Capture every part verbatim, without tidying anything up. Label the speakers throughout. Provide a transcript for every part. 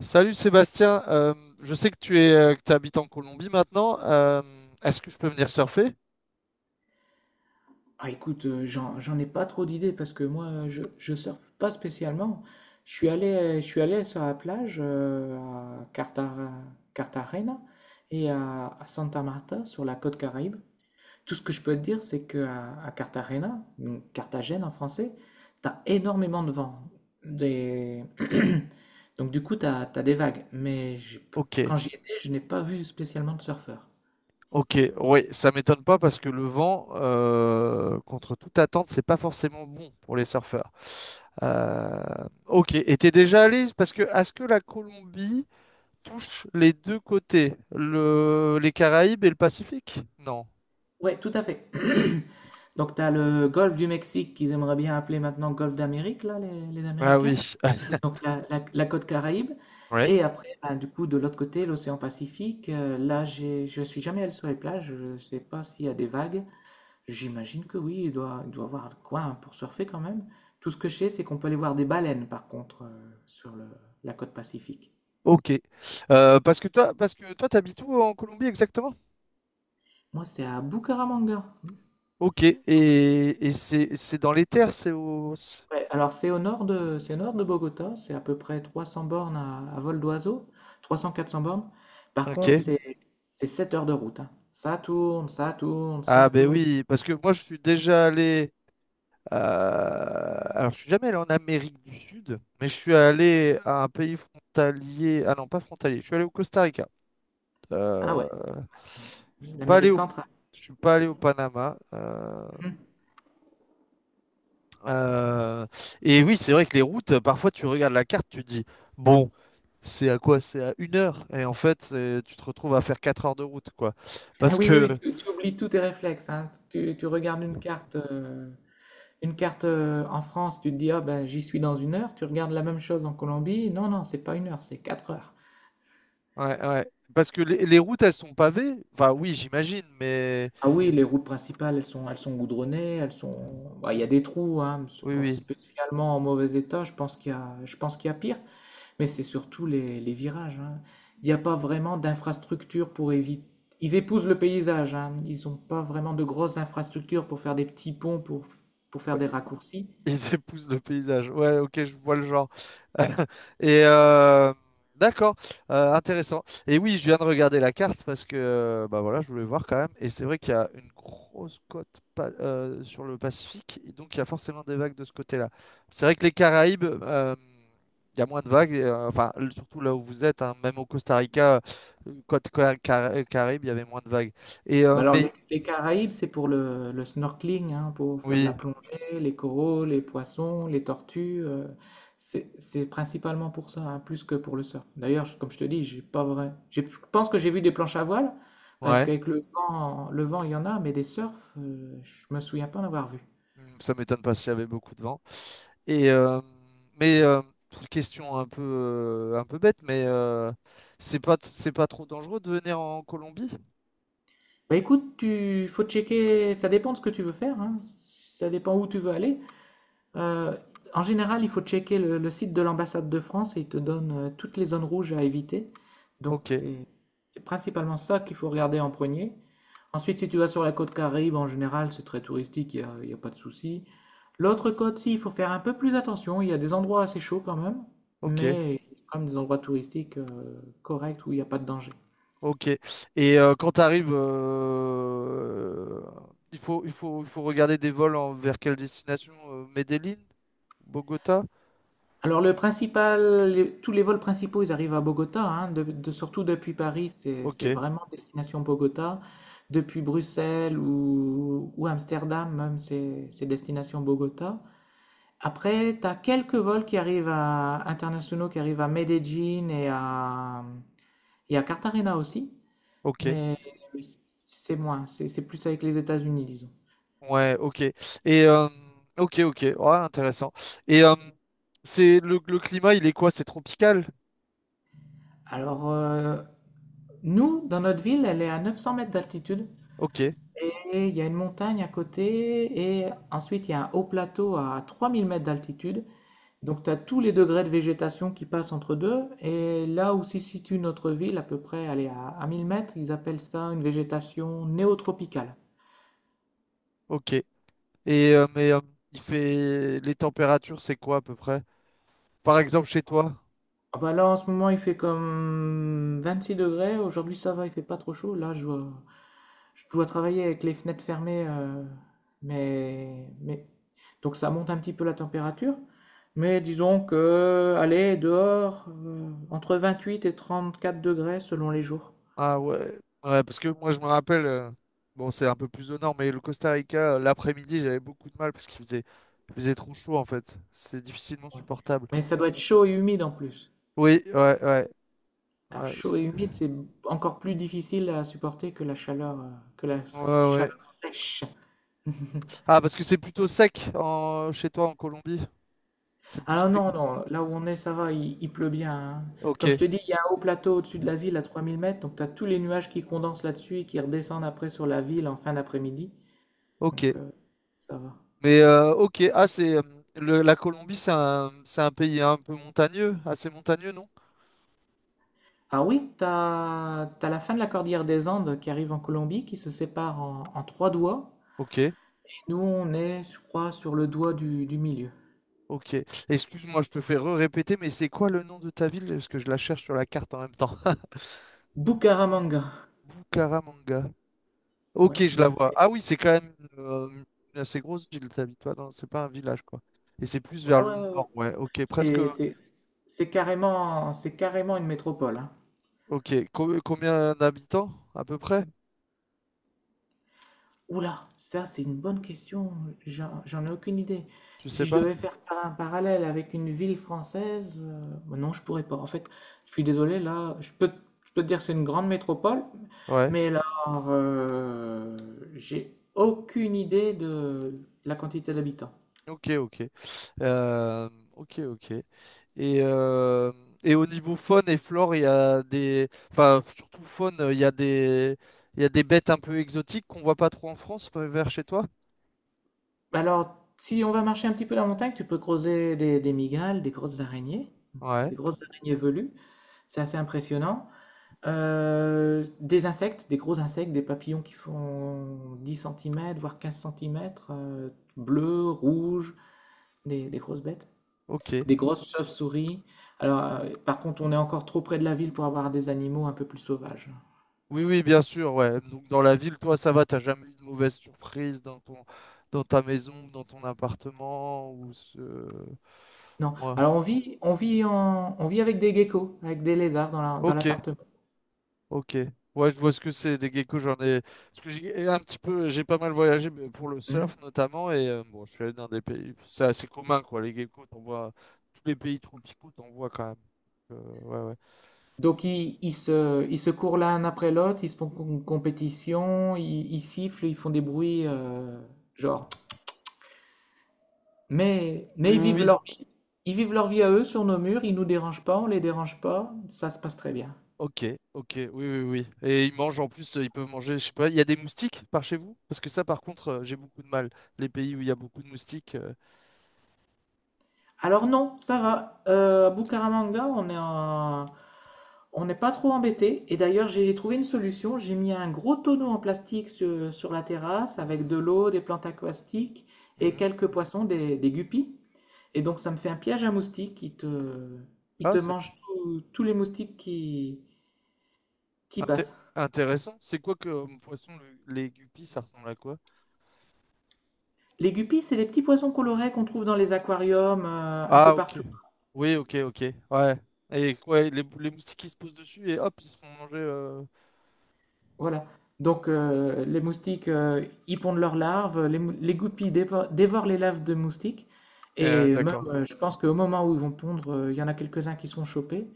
Speaker 1: Salut Sébastien, Euh, je sais que tu es, euh, que tu habites en Colombie maintenant. Euh, est-ce que je peux venir surfer?
Speaker 2: Ah, écoute, euh, j'en, j'en ai pas trop d'idées parce que moi, euh, je, je surfe pas spécialement. Je suis allé, je suis allé sur la plage euh, à Cartagena, Cartagena et à, à Santa Marta sur la côte Caraïbe. Tout ce que je peux te dire, c'est que à, à Cartagena, donc Carthagène en français, t'as énormément de vent. Des... Donc du coup, t'as, t'as des vagues. Mais j'ai-
Speaker 1: Ok,
Speaker 2: quand j'y étais, je n'ai pas vu spécialement de surfeurs.
Speaker 1: ok, oui, ça m'étonne pas parce que le vent, euh, contre toute attente, c'est pas forcément bon pour les surfeurs. Euh, ok, et t'es déjà allé? Parce que est-ce que la Colombie touche les deux côtés, le, les Caraïbes et le Pacifique? Non.
Speaker 2: Ouais, tout à fait. Donc, tu as le golfe du Mexique qu'ils aimeraient bien appeler maintenant golfe d'Amérique, là, les, les
Speaker 1: Ah oui.
Speaker 2: Américains. Donc, la, la- la côte Caraïbe.
Speaker 1: Ouais.
Speaker 2: Et après, ben, du coup, de l'autre côté, l'océan Pacifique. Euh, là, j'ai, je suis jamais allé sur les plages. Je ne sais pas s'il y a des vagues. J'imagine que oui, il doit, il doit y avoir de quoi hein, pour surfer quand même. Tout ce que je sais, c'est qu'on peut aller voir des baleines, par contre, euh, sur le- la côte Pacifique.
Speaker 1: Ok. Euh, parce que toi, parce que toi, t'habites où en Colombie exactement?
Speaker 2: Moi, c'est à Bucaramanga.
Speaker 1: Ok. Et, et c'est c'est dans les terres, c'est au. C'est-
Speaker 2: Ouais, alors c'est au nord de, c'est au nord de Bogota, c'est à peu près trois cents bornes à, à vol d'oiseau, trois cent à quatre cents bornes. Par
Speaker 1: Ok.
Speaker 2: contre, c'est, c'est sept heures de route, hein. Ça tourne, ça tourne, ça
Speaker 1: Ah ben
Speaker 2: tourne.
Speaker 1: oui, parce que moi je suis déjà allé. euh, Alors je suis jamais allé en Amérique du Sud, mais je suis allé à un pays frontalier. Ah non, pas frontalier. Je suis allé au Costa Rica.
Speaker 2: Ah ouais,
Speaker 1: Euh, Je suis pas allé
Speaker 2: l'Amérique
Speaker 1: au.
Speaker 2: centrale.
Speaker 1: Je suis pas allé au Panama. euh,
Speaker 2: Mhm.
Speaker 1: euh, Et oui, c'est vrai que les routes, parfois tu regardes la carte, tu te dis, bon. C'est à quoi? C'est à une heure. Et en fait, c'est- tu te retrouves à faire quatre heures de route, quoi.
Speaker 2: Ah
Speaker 1: Parce
Speaker 2: oui, oui, oui,
Speaker 1: que,
Speaker 2: tu, tu oublies tous tes réflexes, hein. Tu, tu regardes une carte, euh, une carte euh, en France, tu te dis, ah ben, j'y suis dans une heure. Tu regardes la même chose en Colombie. Non, non, c'est pas une heure, c'est quatre heures.
Speaker 1: ouais, ouais. Parce que les, les routes, elles sont pavées. Enfin, oui, j'imagine, mais
Speaker 2: Ah oui, les routes principales, elles sont, elles sont goudronnées, elles sont, bah, il y a des trous, hein, mais c'est
Speaker 1: oui,
Speaker 2: pas
Speaker 1: oui.
Speaker 2: spécialement en mauvais état. Je pense qu'il y a, je pense qu'il y a pire, mais c'est surtout les, les virages, hein. Il n'y a pas vraiment d'infrastructure pour éviter. Ils épousent le paysage, hein. Ils n'ont pas vraiment de grosses infrastructures pour faire des petits ponts, pour, pour faire des raccourcis.
Speaker 1: Ils épousent le paysage. Ouais, ok, je vois le genre. Et euh, d'accord, euh, intéressant. Et oui, je viens de regarder la carte parce que euh, bah voilà, je voulais voir quand même. Et c'est vrai qu'il y a une grosse côte pa- euh, sur le Pacifique, et donc il y a forcément des vagues de ce côté-là. C'est vrai que les Caraïbes, euh, il y a moins de vagues, et, euh, enfin l- surtout là où vous êtes, hein, même au Costa Rica, euh, côte Ca- Cara- Caraïbe, il y avait moins de vagues. Et euh,
Speaker 2: Bah alors,
Speaker 1: mais
Speaker 2: les, les Caraïbes, c'est pour le, le snorkeling, hein, pour faire de la
Speaker 1: oui,
Speaker 2: plongée, les coraux, les poissons, les tortues. euh, c'est c'est principalement pour ça, hein, plus que pour le surf. D'ailleurs, je- comme je te dis, j'ai pas vrai. J'ai- je pense que j'ai vu des planches à voile, parce
Speaker 1: ouais,
Speaker 2: qu'avec le vent, le vent, il y en a, mais des surfs, euh, je me souviens pas en avoir vu.
Speaker 1: Hmm, ça m'étonne pas s'il y avait beaucoup de vent. Et euh, mais euh, question un peu euh, un peu bête, mais euh, c'est pas c'est pas trop dangereux de venir en Colombie?
Speaker 2: Bah écoute, tu faut checker. Ça dépend de ce que tu veux faire, hein. Ça dépend où tu veux aller. Euh, en général, il faut checker le, le site de l'ambassade de France et il te donne euh, toutes les zones rouges à éviter. Donc
Speaker 1: Ok,
Speaker 2: c'est c'est principalement ça qu'il faut regarder en premier. Ensuite, si tu vas sur la côte Caraïbe, en général, c'est très touristique, il n'y a, il y a pas de souci. L'autre côte, si, il faut faire un peu plus attention. Il y a des endroits assez chauds quand même,
Speaker 1: ok,
Speaker 2: mais il y a quand même des endroits touristiques euh, corrects où il n'y a pas de danger.
Speaker 1: ok. Et euh, quand tu arrives, il faut il faut il faut regarder des vols en- vers quelle destination? euh, Medellín, Bogota?
Speaker 2: Alors le principal, les- tous les vols principaux, ils arrivent à Bogota, hein, de- de- surtout depuis Paris, c'est
Speaker 1: Ok,
Speaker 2: c'est vraiment destination Bogota. Depuis Bruxelles ou, ou Amsterdam, même, c'est c'est destination Bogota. Après, tu as quelques vols qui arrivent à, internationaux qui arrivent à Medellín et à, et à Cartagena aussi,
Speaker 1: ok,
Speaker 2: mais, mais c'est moins, c'est c'est plus avec les États-Unis, disons.
Speaker 1: ouais, ok. Et euh, ok, ok, ouais, intéressant. Et euh, c'est le, le climat, il est quoi? C'est tropical?
Speaker 2: Alors, euh, nous, dans notre ville, elle est à neuf cents mètres d'altitude.
Speaker 1: Ok,
Speaker 2: Et il y a une montagne à côté, et ensuite il y a un haut plateau à trois mille mètres d'altitude. Donc tu as tous les degrés de végétation qui passent entre deux. Et là où se situe notre ville, à peu près, elle est à, à mille mètres, ils appellent ça une végétation néotropicale.
Speaker 1: ok. Et euh, mais euh, il fait les températures, c'est quoi à peu près? Par exemple chez toi?
Speaker 2: Ah bah là en ce moment il fait comme vingt-six degrés, aujourd'hui ça va, il fait pas trop chaud. Là je vois, je dois travailler avec les fenêtres fermées, heu, mais mais donc ça monte un petit peu la température, mais disons que, allez, dehors, heu, entre vingt-huit et trente-quatre degrés selon les jours.
Speaker 1: Ah ouais. Ouais, parce que moi je me rappelle, euh, bon c'est un peu plus au nord, mais le Costa Rica, euh, l'après-midi, j'avais beaucoup de mal parce qu'il faisait, il faisait trop chaud en fait. C'est difficilement
Speaker 2: Ouais,
Speaker 1: supportable.
Speaker 2: mais ça doit être chaud et humide en plus.
Speaker 1: Oui, ouais, ouais,
Speaker 2: Alors
Speaker 1: ouais.
Speaker 2: chaud et
Speaker 1: c'est-
Speaker 2: humide, c'est encore plus difficile à supporter que la chaleur, heu, que la
Speaker 1: Ouais, ouais.
Speaker 2: chaleur sèche.
Speaker 1: Ah, parce que c'est plutôt sec en… chez toi en Colombie. C'est plus
Speaker 2: Alors
Speaker 1: sec.
Speaker 2: non, non, là où on est, ça va, il, il pleut bien, hein.
Speaker 1: Ok,
Speaker 2: Comme je te dis, il y a un haut plateau au-dessus de la ville à trois mille mètres, donc tu as tous les nuages qui condensent là-dessus et qui redescendent après sur la ville en fin d'après-midi.
Speaker 1: ok.
Speaker 2: Donc euh, Ça va.
Speaker 1: Mais euh, ok, ah c'est euh, le- la Colombie, c'est un, c'est un pays un peu montagneux, assez montagneux, non?
Speaker 2: Ah oui, tu as la fin de la cordillère des Andes qui arrive en Colombie, qui se sépare en, en trois doigts.
Speaker 1: Ok.
Speaker 2: Et nous, on est, je crois, sur le doigt du, du milieu.
Speaker 1: Ok. Excuse-moi, je te fais re-répéter, mais c'est quoi le nom de ta ville? Parce que je la cherche sur la carte en même temps.
Speaker 2: Bucaramanga.
Speaker 1: Bucaramanga.
Speaker 2: Ouais,
Speaker 1: Ok, je la
Speaker 2: donc
Speaker 1: vois.
Speaker 2: c'est
Speaker 1: Ah oui, c'est quand même euh, une assez grosse ville, t'habites pas dans… C'est pas un village, quoi. Et c'est plus
Speaker 2: ouais,
Speaker 1: vers le
Speaker 2: ouais, ouais,
Speaker 1: nord,
Speaker 2: ouais.
Speaker 1: ouais. Ok, presque…
Speaker 2: C'est c'est- c'est carrément, c'est carrément une métropole, hein.
Speaker 1: Ok, Co- combien d'habitants, à peu près?
Speaker 2: Oula, ça c'est une bonne question, j'en j'en ai aucune idée.
Speaker 1: Tu sais
Speaker 2: Si je
Speaker 1: pas?
Speaker 2: devais faire par- un parallèle avec une ville française, euh, bah non, je pourrais pas. En fait, je suis désolé, là, je peux, te je peux te dire que c'est une grande métropole,
Speaker 1: Ouais.
Speaker 2: mais là, euh, j'ai aucune idée de la quantité d'habitants.
Speaker 1: Ok, ok. Euh, ok, ok. Et, euh, et au niveau faune et flore, il y a des… Enfin, surtout faune, il y a des… il y a des bêtes un peu exotiques qu'on voit pas trop en France, euh, vers chez toi?
Speaker 2: Alors, si on va marcher un petit peu la montagne, tu peux creuser des, des migales, des grosses araignées,
Speaker 1: Ouais,
Speaker 2: des grosses araignées velues, c'est assez impressionnant. Euh, des insectes, des gros insectes, des papillons qui font dix centimètres voire quinze centimètres, bleus, rouges, des, des grosses bêtes,
Speaker 1: ok.
Speaker 2: des grosses chauves-souris. Alors, euh, par contre, on est encore trop près de la ville pour avoir des animaux un peu plus sauvages.
Speaker 1: Oui, oui, bien sûr, ouais. Donc dans la ville, toi, ça va, t'as jamais eu de mauvaise surprise dans ton… dans ta maison, dans ton appartement ou ce…
Speaker 2: Non.
Speaker 1: Ouais.
Speaker 2: Alors, on vit, on vit en- on vit avec des geckos, avec des lézards dans la- dans
Speaker 1: Ok.
Speaker 2: l'appartement.
Speaker 1: Ok. Ouais, je vois ce que c'est des geckos. J'en ai. Parce que j'ai un petit peu, j'ai pas mal voyagé mais pour le
Speaker 2: Hmm.
Speaker 1: surf notamment. Et euh, bon, je suis allé dans des pays. C'est assez commun, quoi. Les geckos, t'en vois. Tous les pays tropicaux, t'en vois quand même. Donc, euh, ouais, ouais.
Speaker 2: Donc, ils, ils se, ils se courent l'un après l'autre, ils se font une compétition, ils, ils sifflent, ils font des bruits, euh, genre. Mais, mais
Speaker 1: Oui,
Speaker 2: ils
Speaker 1: oui,
Speaker 2: vivent
Speaker 1: oui.
Speaker 2: leur vie. Ils vivent leur vie à eux sur nos murs, ils nous dérangent pas, on les dérange pas, ça se passe très bien.
Speaker 1: Ok, ok. Oui, oui, oui. Et ils mangent en plus, euh, ils peuvent manger, je sais pas. Il y a des moustiques par chez vous? Parce que ça, par contre, euh, j'ai beaucoup de mal. Les pays où il y a beaucoup de moustiques. euh,
Speaker 2: Alors non, ça va. Euh, à Bucaramanga, on est en- on n'est pas trop embêté. Et d'ailleurs, j'ai trouvé une solution. J'ai mis un gros tonneau en plastique sur, sur la terrasse avec de l'eau, des plantes aquatiques et
Speaker 1: Mhm.
Speaker 2: quelques poissons, des, des guppies. Et donc, ça me fait un piège à moustiques. Il te, il
Speaker 1: Ah,
Speaker 2: te
Speaker 1: c'est
Speaker 2: mange tous tous les moustiques qui, qui
Speaker 1: inté-
Speaker 2: passent.
Speaker 1: intéressant. C'est quoi que euh, poisson le- les guppies, ça ressemble à quoi?
Speaker 2: Les guppies, c'est les petits poissons colorés qu'on trouve dans les aquariums euh, un peu
Speaker 1: Ah, ok.
Speaker 2: partout.
Speaker 1: Oui, ok, ok. Ouais. Et ouais, les, les moustiques qui se posent dessus et hop, ils se font manger. euh.
Speaker 2: Voilà. Donc euh, les moustiques, euh, ils pondent leurs larves, les, mou- les guppies dévo- dévorent les larves de moustiques.
Speaker 1: Euh,
Speaker 2: Et même,
Speaker 1: d'accord.
Speaker 2: euh, je pense qu'au moment où ils vont pondre, euh, il y en a quelques-uns qui sont chopés.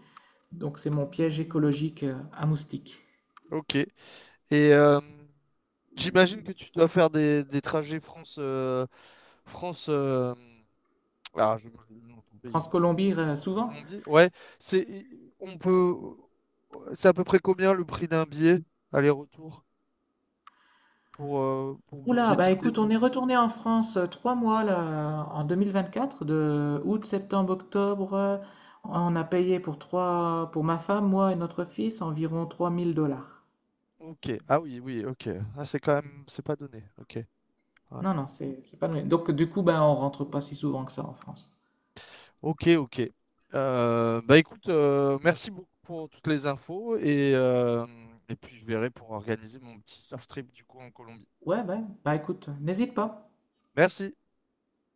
Speaker 2: Donc c'est mon piège écologique euh, à moustiques.
Speaker 1: Ok. Et euh, j'imagine que tu dois faire des, des trajets France, euh, France, euh, ah, je bouge le nom de ton pays.
Speaker 2: France-Colombie, euh, souvent.
Speaker 1: France-Colombie, ouais. C'est, on peut, c'est à peu près combien le prix d'un billet aller-retour pour, euh, pour
Speaker 2: Oula, bah
Speaker 1: budgétiser?
Speaker 2: écoute, on est retourné en France euh, trois mois là, en deux mille vingt-quatre, de août, septembre, octobre. Euh, on a payé pour trois, pour ma femme, moi et notre fils, environ 3000 dollars.
Speaker 1: Ok, ah oui, oui, ok. Ah, c'est quand même, c'est pas donné. Ok, ouais.
Speaker 2: Non, non, c'est c'est pas donné. Donc du coup, ben, on rentre pas si souvent que ça en France.
Speaker 1: Ok, ok. Euh, bah écoute, euh, merci beaucoup pour toutes les infos et, euh, et puis je verrai pour organiser mon petit surf trip du coup en Colombie.
Speaker 2: Ouais, ouais, bah écoute, n'hésite pas.
Speaker 1: Merci.